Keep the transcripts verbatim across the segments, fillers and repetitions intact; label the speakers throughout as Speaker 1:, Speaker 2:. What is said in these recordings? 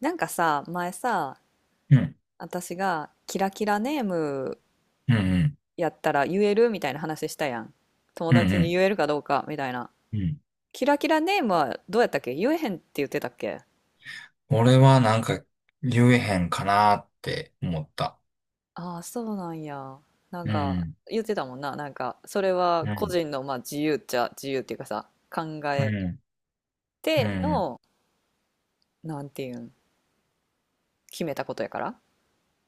Speaker 1: なんかさ、前さ、
Speaker 2: うん。
Speaker 1: 私がキラキラネーム
Speaker 2: うん。
Speaker 1: やったら言えるみたいな話したやん。友
Speaker 2: うん。うん。
Speaker 1: 達
Speaker 2: う
Speaker 1: に
Speaker 2: ん。
Speaker 1: 言えるかどうかみたいな。
Speaker 2: うん。
Speaker 1: キラキラネームはどうやったっけ？言えへんって言ってたっけ？
Speaker 2: 俺はなんか言えへんかなって思った。
Speaker 1: ああー、そうなんや。なん
Speaker 2: う
Speaker 1: か
Speaker 2: ん。
Speaker 1: 言ってたもんな。なんかそれは
Speaker 2: う
Speaker 1: 個
Speaker 2: ん。
Speaker 1: 人のまあ自由っちゃ自由っていうかさ、考
Speaker 2: う
Speaker 1: え
Speaker 2: ん。う
Speaker 1: て
Speaker 2: ん。
Speaker 1: の、なんていうん、決めたことやから。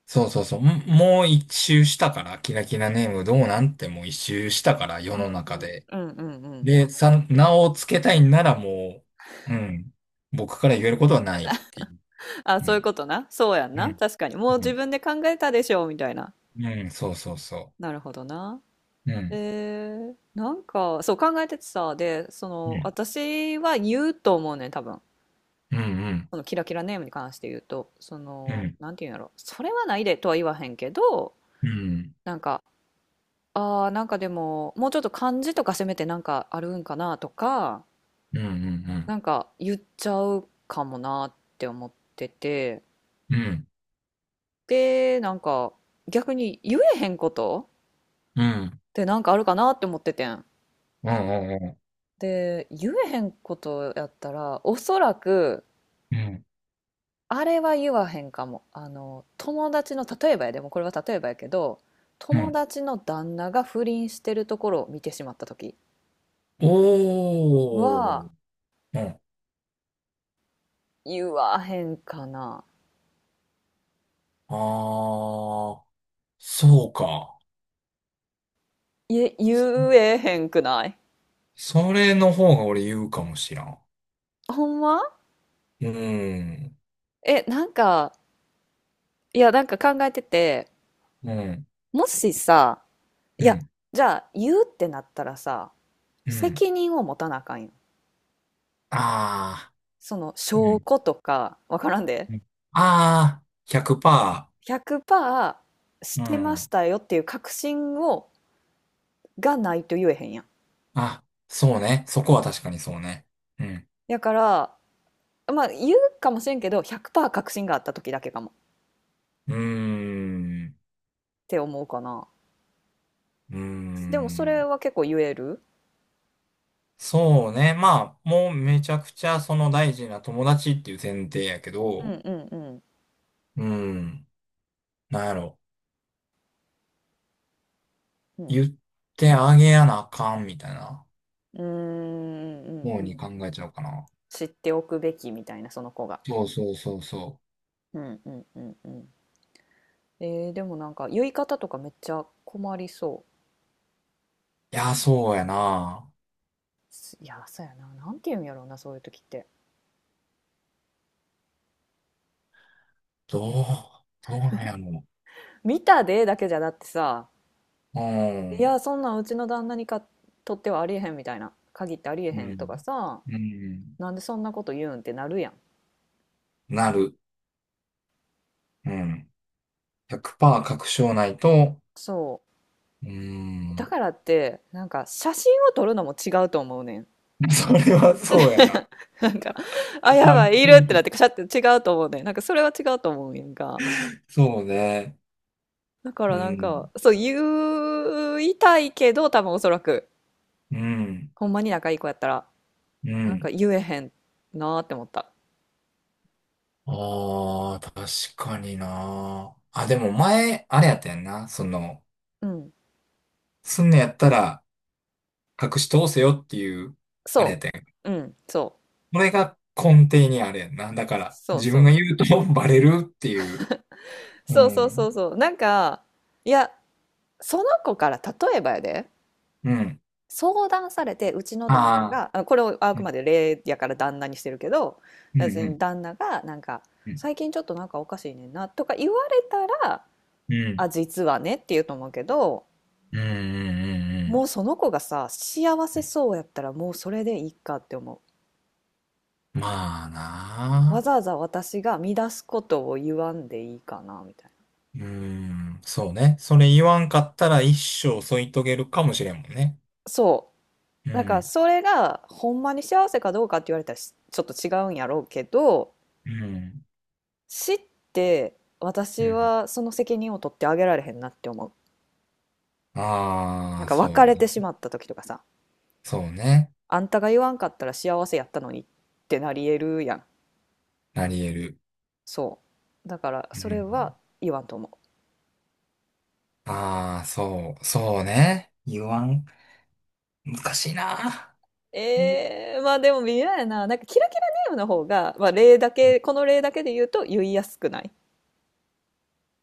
Speaker 2: そうそうそう。もう一周したからキラキラネームどうなんて、もう一周したから世
Speaker 1: う
Speaker 2: の
Speaker 1: んう
Speaker 2: 中
Speaker 1: ん
Speaker 2: で
Speaker 1: うんうんうん。
Speaker 2: でさ、名を付けたいなら、もう。うん。僕から言えることはないっていう。
Speaker 1: あ、
Speaker 2: う
Speaker 1: そういう
Speaker 2: ん。
Speaker 1: ことな。そうやん
Speaker 2: う
Speaker 1: な。
Speaker 2: ん。
Speaker 1: 確かに。もう自
Speaker 2: う
Speaker 1: 分で考えたでしょみたいな。
Speaker 2: ん。うん。そうそうそ
Speaker 1: なるほどな。
Speaker 2: う。うん。
Speaker 1: えー、なんか、そう考えててさ、で、そ
Speaker 2: う
Speaker 1: の、
Speaker 2: ん。
Speaker 1: 私は言うと思うねん、多分。
Speaker 2: うん。
Speaker 1: そのキラキラネームに関して言うと、そ
Speaker 2: うん。う
Speaker 1: の、
Speaker 2: ん。
Speaker 1: なんていうんやろ、それはないでとは言わへんけど、
Speaker 2: うん。
Speaker 1: なんか、ああ、なんかでも、もうちょっと漢字とかせめてなんかあるんかなとか、
Speaker 2: うん。うん。
Speaker 1: なんか言っちゃうかもなって思ってて、
Speaker 2: うん。うん。
Speaker 1: で、なんか、逆に言えへんこと
Speaker 2: う
Speaker 1: ってなんかあるかなって思っててん。
Speaker 2: ん。うん。
Speaker 1: で、言えへんことやったら、おそらく、
Speaker 2: うん、
Speaker 1: あれは言わへんかも。あの、友達の、例えばやでもこれは例えばやけど、
Speaker 2: う
Speaker 1: 友
Speaker 2: ん。
Speaker 1: 達の旦那が不倫してるところを見てしまった時
Speaker 2: おー、
Speaker 1: は、
Speaker 2: うん。
Speaker 1: 言わへんかな。
Speaker 2: あー、そうか。
Speaker 1: いえ、
Speaker 2: そ
Speaker 1: 言えへんくない？
Speaker 2: それの方が俺言うかもしらん。
Speaker 1: ほんま？
Speaker 2: うん、
Speaker 1: え、なんか、いや、なんか考えてて、
Speaker 2: うん、
Speaker 1: もしさ、い
Speaker 2: う
Speaker 1: や、
Speaker 2: ん、
Speaker 1: じゃあ言うってなったらさ、
Speaker 2: うん。
Speaker 1: 責任を持たなあかんよ。
Speaker 2: あ
Speaker 1: その
Speaker 2: ー、う
Speaker 1: 証
Speaker 2: ん、
Speaker 1: 拠とか、わからんで。
Speaker 2: うん、あー、ひゃくパーセント。
Speaker 1: ひゃくパーセントし
Speaker 2: う
Speaker 1: てまし
Speaker 2: ん。
Speaker 1: たよっていう確信をがないと言えへんやん。
Speaker 2: あ、そうね。そこは確かにそうね。うん。
Speaker 1: やから、まあ言うかもしれんけど、ひゃくパーセント確信があった時だけかもっ
Speaker 2: うーん、
Speaker 1: て思うかな。
Speaker 2: うー
Speaker 1: でもそれ
Speaker 2: ん。
Speaker 1: は結構言える。
Speaker 2: そうね。まあ、もうめちゃくちゃその大事な友達っていう前提やけ
Speaker 1: うん
Speaker 2: ど、
Speaker 1: うんうん
Speaker 2: うん。なんやろ、
Speaker 1: うん。
Speaker 2: 言ってあげやなあかんみたいな
Speaker 1: うーんう
Speaker 2: 方
Speaker 1: んうん。
Speaker 2: に考えちゃうかな。
Speaker 1: 知っておくべきみたいな、その子が。
Speaker 2: そうそうそうそ
Speaker 1: うんうんうんうん。えー、でもなんか言い方とかめっちゃ困りそ
Speaker 2: う。いや、そうやな。
Speaker 1: う。いや、そうやな。なんて言うんやろうな、そういう時って。
Speaker 2: どう、どうなんやろ
Speaker 1: 見たでだけじゃだってさ、
Speaker 2: う。
Speaker 1: い
Speaker 2: ん、
Speaker 1: や、そんなんうちの旦那にかとってはありえへんみたいな。限ってありえ
Speaker 2: う
Speaker 1: へんと
Speaker 2: ん、
Speaker 1: かさ、
Speaker 2: うん。
Speaker 1: なんでそんなこと言うんってなるやん。
Speaker 2: なる。うん。ひゃくパーセント確証ないと、
Speaker 1: そ
Speaker 2: う
Speaker 1: うだ
Speaker 2: ん。
Speaker 1: からってなんか写真を撮るのも違うと思うねん。
Speaker 2: それはそうやな。
Speaker 1: なんか、あ、やば
Speaker 2: 単
Speaker 1: いいるってなっ
Speaker 2: 品、
Speaker 1: てカしゃって違うと思うねん。なんかそれは違うと思うんやんか。
Speaker 2: そうね。
Speaker 1: だか
Speaker 2: う
Speaker 1: らなん
Speaker 2: ん、
Speaker 1: かそう言いたいけど、多分、おそらく、
Speaker 2: うん、
Speaker 1: ほんまに仲いい子やったら
Speaker 2: う
Speaker 1: なんか
Speaker 2: ん。
Speaker 1: 言えへんなーって思った。
Speaker 2: ああ、確かにな。あ、でも前、あれやったやんな。その、
Speaker 1: うん
Speaker 2: すんのやったら隠し通せよっていう、あれ
Speaker 1: そ
Speaker 2: やったんや。
Speaker 1: ううんそう
Speaker 2: これが根底にあれやんな。だから、
Speaker 1: そう
Speaker 2: 自
Speaker 1: そ
Speaker 2: 分が
Speaker 1: う
Speaker 2: 言うと バレるっていう。う
Speaker 1: そうそうそ
Speaker 2: ん。
Speaker 1: うそうなんか、いや、その子から例えばやで
Speaker 2: うん。
Speaker 1: 相談されて、うちの
Speaker 2: あ
Speaker 1: 旦那
Speaker 2: あ。
Speaker 1: が、あ、これをあ
Speaker 2: う
Speaker 1: く
Speaker 2: ん。
Speaker 1: まで例やから旦那にしてるけど、
Speaker 2: う
Speaker 1: 別に
Speaker 2: ん。
Speaker 1: 旦那がなんか、
Speaker 2: うん。
Speaker 1: 最近ちょっとなんかおかしいねんなとか言われたら、
Speaker 2: うん。
Speaker 1: あ、実はねって言うと思うけど、
Speaker 2: うん。うん。う
Speaker 1: もう
Speaker 2: ん。
Speaker 1: その子がさ、幸
Speaker 2: う
Speaker 1: せ
Speaker 2: ん、
Speaker 1: そうやったらもうそれでいいかって思
Speaker 2: まあ
Speaker 1: う。わ
Speaker 2: な
Speaker 1: ざわ
Speaker 2: あ。
Speaker 1: ざ私が乱すことを言わんでいいかな、みたいな。
Speaker 2: うん。そうね。それ言わんかったら一生添い遂げるかもしれんもんね。
Speaker 1: そ
Speaker 2: う
Speaker 1: う。なんか
Speaker 2: ん。
Speaker 1: それがほんまに幸せかどうかって言われたらしちょっと違うんやろうけど、
Speaker 2: うん。
Speaker 1: 死って
Speaker 2: う
Speaker 1: 私
Speaker 2: ん。
Speaker 1: はその責任を取ってあげられへんなって思う。な
Speaker 2: あ
Speaker 1: ん
Speaker 2: あ、
Speaker 1: か
Speaker 2: そう
Speaker 1: 別れ
Speaker 2: ね。
Speaker 1: てしまった時とかさ、
Speaker 2: そうね。
Speaker 1: あんたが言わんかったら幸せやったのにってなりえるやん。
Speaker 2: なり得る。
Speaker 1: そう。だから
Speaker 2: う
Speaker 1: それは
Speaker 2: ん、
Speaker 1: 言わんと思う。
Speaker 2: ああ、そう、そうね。言わん。難しいな。言う。
Speaker 1: えー、まあでも微妙やな。なんかキラキラネームの方が、まあ例だけ、この例だけで言うと言いやすくない？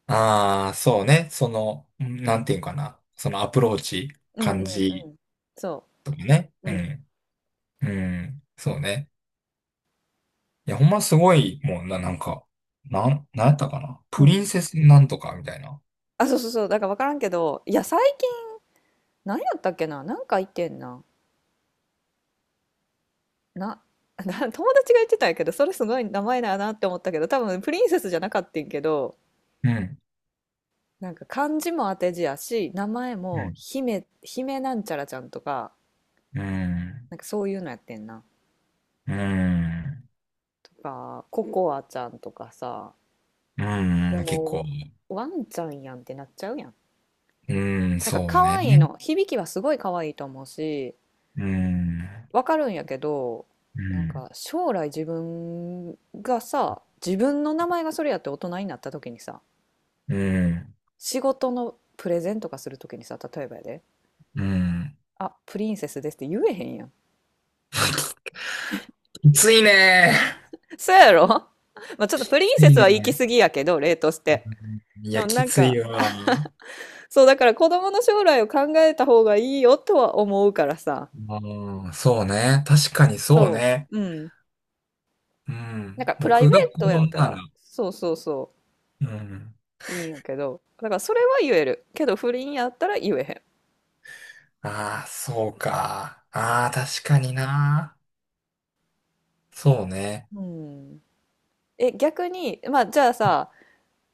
Speaker 2: ああ、そうね。その、うん、なんていうかな。そのアプローチ、
Speaker 1: うんうん
Speaker 2: 感
Speaker 1: う
Speaker 2: じ
Speaker 1: ん。そ
Speaker 2: とかね。
Speaker 1: う。う
Speaker 2: う
Speaker 1: ん。
Speaker 2: ん。うん。そうね。いや、ほんますごい、もうな、なんか、なん、なんやったかな。
Speaker 1: う
Speaker 2: プリン
Speaker 1: ん。
Speaker 2: セスなんとかみたいな。
Speaker 1: あ、そうそうそう。だから分からんけど、いや、最近、何やったっけな、なんか言ってんな。な な友達が言ってたんやけど、それすごい名前だなって思ったけど、多分プリンセスじゃなかったんけど、
Speaker 2: うん。
Speaker 1: なんか漢字も当て字やし、名前
Speaker 2: う
Speaker 1: も
Speaker 2: ん。
Speaker 1: 姫、姫なんちゃらちゃんとか、
Speaker 2: うん。
Speaker 1: なんかそういうのやってんな。
Speaker 2: うん。
Speaker 1: とか、ココアちゃんとかさ、
Speaker 2: う
Speaker 1: いや
Speaker 2: ん。結
Speaker 1: も
Speaker 2: 構。
Speaker 1: う、ワンちゃんやんってなっちゃうやん。
Speaker 2: うん、
Speaker 1: なんか
Speaker 2: そう
Speaker 1: 可
Speaker 2: ね。
Speaker 1: 愛いの、響きはすごい可愛いと思うし、
Speaker 2: うん。
Speaker 1: わかるんやけど、
Speaker 2: う
Speaker 1: なん
Speaker 2: ん。
Speaker 1: か将来自分がさ、自分の名前がそれやって大人になった時にさ、
Speaker 2: うん。
Speaker 1: 仕事のプレゼンとかするときにさ、例えばやで、
Speaker 2: うん。
Speaker 1: あ、プリンセスですって言えへんやん。
Speaker 2: きついね。
Speaker 1: そうやろ？ まあちょっとプリ
Speaker 2: き
Speaker 1: ン
Speaker 2: つ
Speaker 1: セ
Speaker 2: い
Speaker 1: スは行き
Speaker 2: ね。
Speaker 1: 過ぎやけど、例とし
Speaker 2: う
Speaker 1: て。
Speaker 2: ん、い
Speaker 1: で
Speaker 2: や、
Speaker 1: も
Speaker 2: き
Speaker 1: なん
Speaker 2: つ
Speaker 1: か、
Speaker 2: いわ。
Speaker 1: そうだから子供の将来を考えた方がいいよとは思うからさ。
Speaker 2: うん、そうね。確かにそう
Speaker 1: そ
Speaker 2: ね。
Speaker 1: う。うん。
Speaker 2: う
Speaker 1: なん
Speaker 2: ん。
Speaker 1: かプライ
Speaker 2: 僕が
Speaker 1: ベー
Speaker 2: 子
Speaker 1: トや
Speaker 2: 供
Speaker 1: った
Speaker 2: な
Speaker 1: ら、
Speaker 2: ら。
Speaker 1: そうそうそ
Speaker 2: うん。
Speaker 1: う、いいんやけど。だからそれは言える。けど不倫やったら言えへ
Speaker 2: ああ、そうか。ああ、確かにな。そうね。
Speaker 1: ん。うん。え、逆に、まあじゃあさ、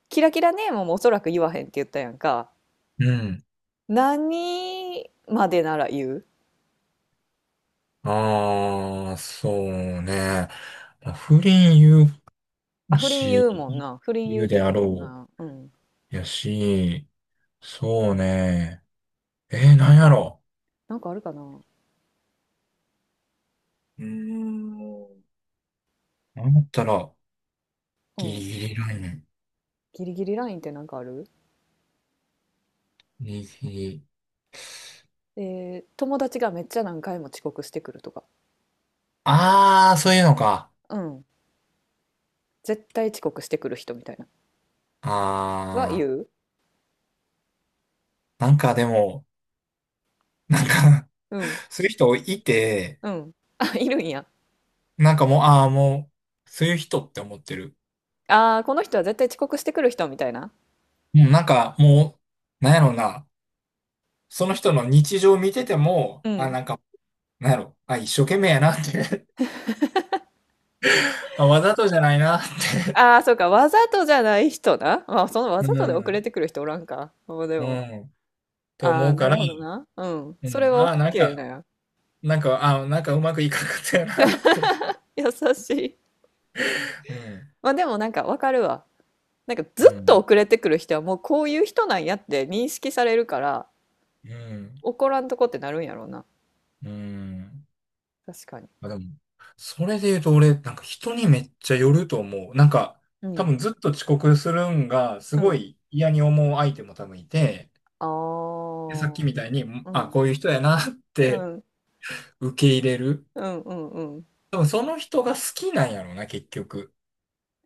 Speaker 1: キラキラネームもおそらく言わへんって言ったやんか。
Speaker 2: うん。
Speaker 1: 何までなら言う？
Speaker 2: ああ、そうね。まあ不倫言
Speaker 1: あ、
Speaker 2: う
Speaker 1: 不倫言うもん
Speaker 2: し、
Speaker 1: な。不倫
Speaker 2: 言
Speaker 1: 言う
Speaker 2: う
Speaker 1: って
Speaker 2: で
Speaker 1: 言って
Speaker 2: あ
Speaker 1: たもん
Speaker 2: ろ
Speaker 1: な。うん。
Speaker 2: う。やし、そうね。えー、なんやろ
Speaker 1: なんかあるかな？
Speaker 2: う。うーん。なんやったら、
Speaker 1: う
Speaker 2: ギリ
Speaker 1: ん。
Speaker 2: ギリライン。
Speaker 1: ギリギリラインってなんかある？
Speaker 2: 右。
Speaker 1: えー友達がめっちゃ何回も遅刻してくるとか。
Speaker 2: ああ、そういうのか。
Speaker 1: うん。絶対遅刻してくる人みたいな。は言
Speaker 2: ああ、
Speaker 1: う。
Speaker 2: なんかでも、なんか
Speaker 1: うん。
Speaker 2: そういう人いて、
Speaker 1: うん。あ、いるんや。
Speaker 2: なんかもう、ああ、もう、そういう人って思ってる。
Speaker 1: ああ、この人は絶対遅刻してくる人みたいな。
Speaker 2: もうなんかもう、なんやろな、その人の日常見てても、
Speaker 1: う
Speaker 2: あ、
Speaker 1: ん。
Speaker 2: なんか、なんやろ、あ、一生懸命やなって あ、わざとじゃないなって、
Speaker 1: ああ、そうか。わざとじゃない人な。まあ、そのわ
Speaker 2: う
Speaker 1: ざとで遅れ
Speaker 2: ん、
Speaker 1: てくる人おらんか。まあで
Speaker 2: う
Speaker 1: も。
Speaker 2: ん、って
Speaker 1: あ
Speaker 2: 思
Speaker 1: あ、
Speaker 2: う
Speaker 1: な
Speaker 2: か
Speaker 1: る
Speaker 2: ら、
Speaker 1: ほどな。うん。
Speaker 2: う
Speaker 1: それ
Speaker 2: ん、
Speaker 1: は
Speaker 2: あなん
Speaker 1: OK な
Speaker 2: か、
Speaker 1: んや。
Speaker 2: なんか、ああ、なんかうまくいかなかったよなって、
Speaker 1: 優しい。
Speaker 2: うん、
Speaker 1: まあでもなんかわかるわ。なんか
Speaker 2: う
Speaker 1: ずっと
Speaker 2: ん、
Speaker 1: 遅れてくる人はもうこういう人なんやって認識されるから
Speaker 2: うん。
Speaker 1: 怒らんとこってなるんやろうな。
Speaker 2: うん。
Speaker 1: 確かに。
Speaker 2: まあ、でも、それで言うと俺、なんか人にめっちゃよると思う。なんか、
Speaker 1: う
Speaker 2: 多
Speaker 1: ん。
Speaker 2: 分ずっと遅刻するんが、す
Speaker 1: う
Speaker 2: ご
Speaker 1: ん。
Speaker 2: い嫌に思う相手も多分いて、
Speaker 1: ああ。
Speaker 2: で、さっきみたいに、ん、
Speaker 1: う
Speaker 2: あ、
Speaker 1: ん。
Speaker 2: こういう人やなって
Speaker 1: うん。
Speaker 2: 受け入れる。
Speaker 1: うんうんうん。
Speaker 2: 多分その人が好きなんやろうな、結局。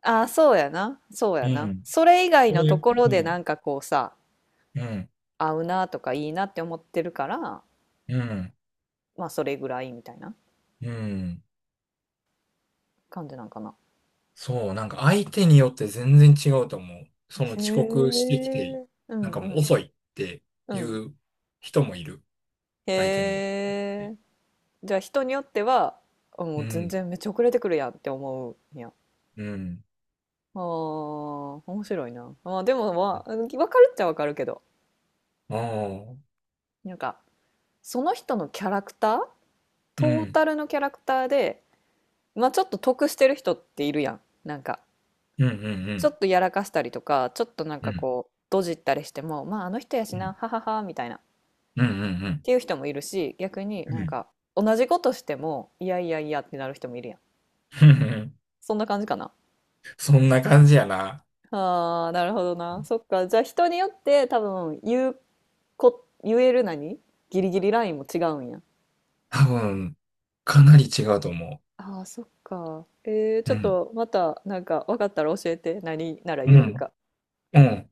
Speaker 1: ああ、そうやな。そう
Speaker 2: う
Speaker 1: やな。
Speaker 2: ん。
Speaker 1: それ以外
Speaker 2: そ
Speaker 1: の
Speaker 2: れ、
Speaker 1: ところ
Speaker 2: う
Speaker 1: でな
Speaker 2: ん。
Speaker 1: んかこうさ、
Speaker 2: うん。
Speaker 1: 合うなとかいいなって思ってるから、
Speaker 2: うん。
Speaker 1: まあそれぐらいみたいな
Speaker 2: うん。
Speaker 1: 感じなんかな。
Speaker 2: そう、なんか相手によって全然違うと思う。その
Speaker 1: へ
Speaker 2: 遅刻してきて、
Speaker 1: え。う
Speaker 2: なん
Speaker 1: ん
Speaker 2: か
Speaker 1: う
Speaker 2: もう
Speaker 1: ん。
Speaker 2: 遅いって
Speaker 1: う
Speaker 2: い
Speaker 1: ん。
Speaker 2: う人もいる。相手に。
Speaker 1: へえ。じゃあ人によっては、あ、も
Speaker 2: う
Speaker 1: う全
Speaker 2: ん、
Speaker 1: 然めっちゃ遅れてくるやんって思うんや。
Speaker 2: うん、
Speaker 1: あー、面白いな。まあでもまあ分かるっちゃ分かるけど、
Speaker 2: ああ、
Speaker 1: なんかその人のキャラクター、
Speaker 2: う
Speaker 1: ト
Speaker 2: ん、う
Speaker 1: ー
Speaker 2: ん、
Speaker 1: タルのキャラクターで、まあちょっと得してる人っているやん。なんか
Speaker 2: うん、う
Speaker 1: ちょ
Speaker 2: ん、
Speaker 1: っとやらかしたりとかちょっとなん
Speaker 2: うん、う
Speaker 1: か
Speaker 2: ん、
Speaker 1: こうドジったりしてもまああの人やしなはははみたいなっ
Speaker 2: うん、うん、うん、
Speaker 1: ていう人もいるし、逆に
Speaker 2: う
Speaker 1: なん
Speaker 2: ん、
Speaker 1: か同じことしてもいやいやいやってなる人もいるやん。
Speaker 2: うん、
Speaker 1: そんな感じかな。
Speaker 2: そんな感じやな。
Speaker 1: ああ、なるほどな。そっか。じゃあ人によって多分言うこ、言える何、ギリギリラインも違うんや。
Speaker 2: 多分、かなり違うと思
Speaker 1: ああ、そっか。えー、ち
Speaker 2: う。
Speaker 1: ょ
Speaker 2: う
Speaker 1: っ
Speaker 2: ん、
Speaker 1: とまたなんか分かったら教えて。何なら
Speaker 2: う
Speaker 1: 言える
Speaker 2: ん、
Speaker 1: か。
Speaker 2: うん。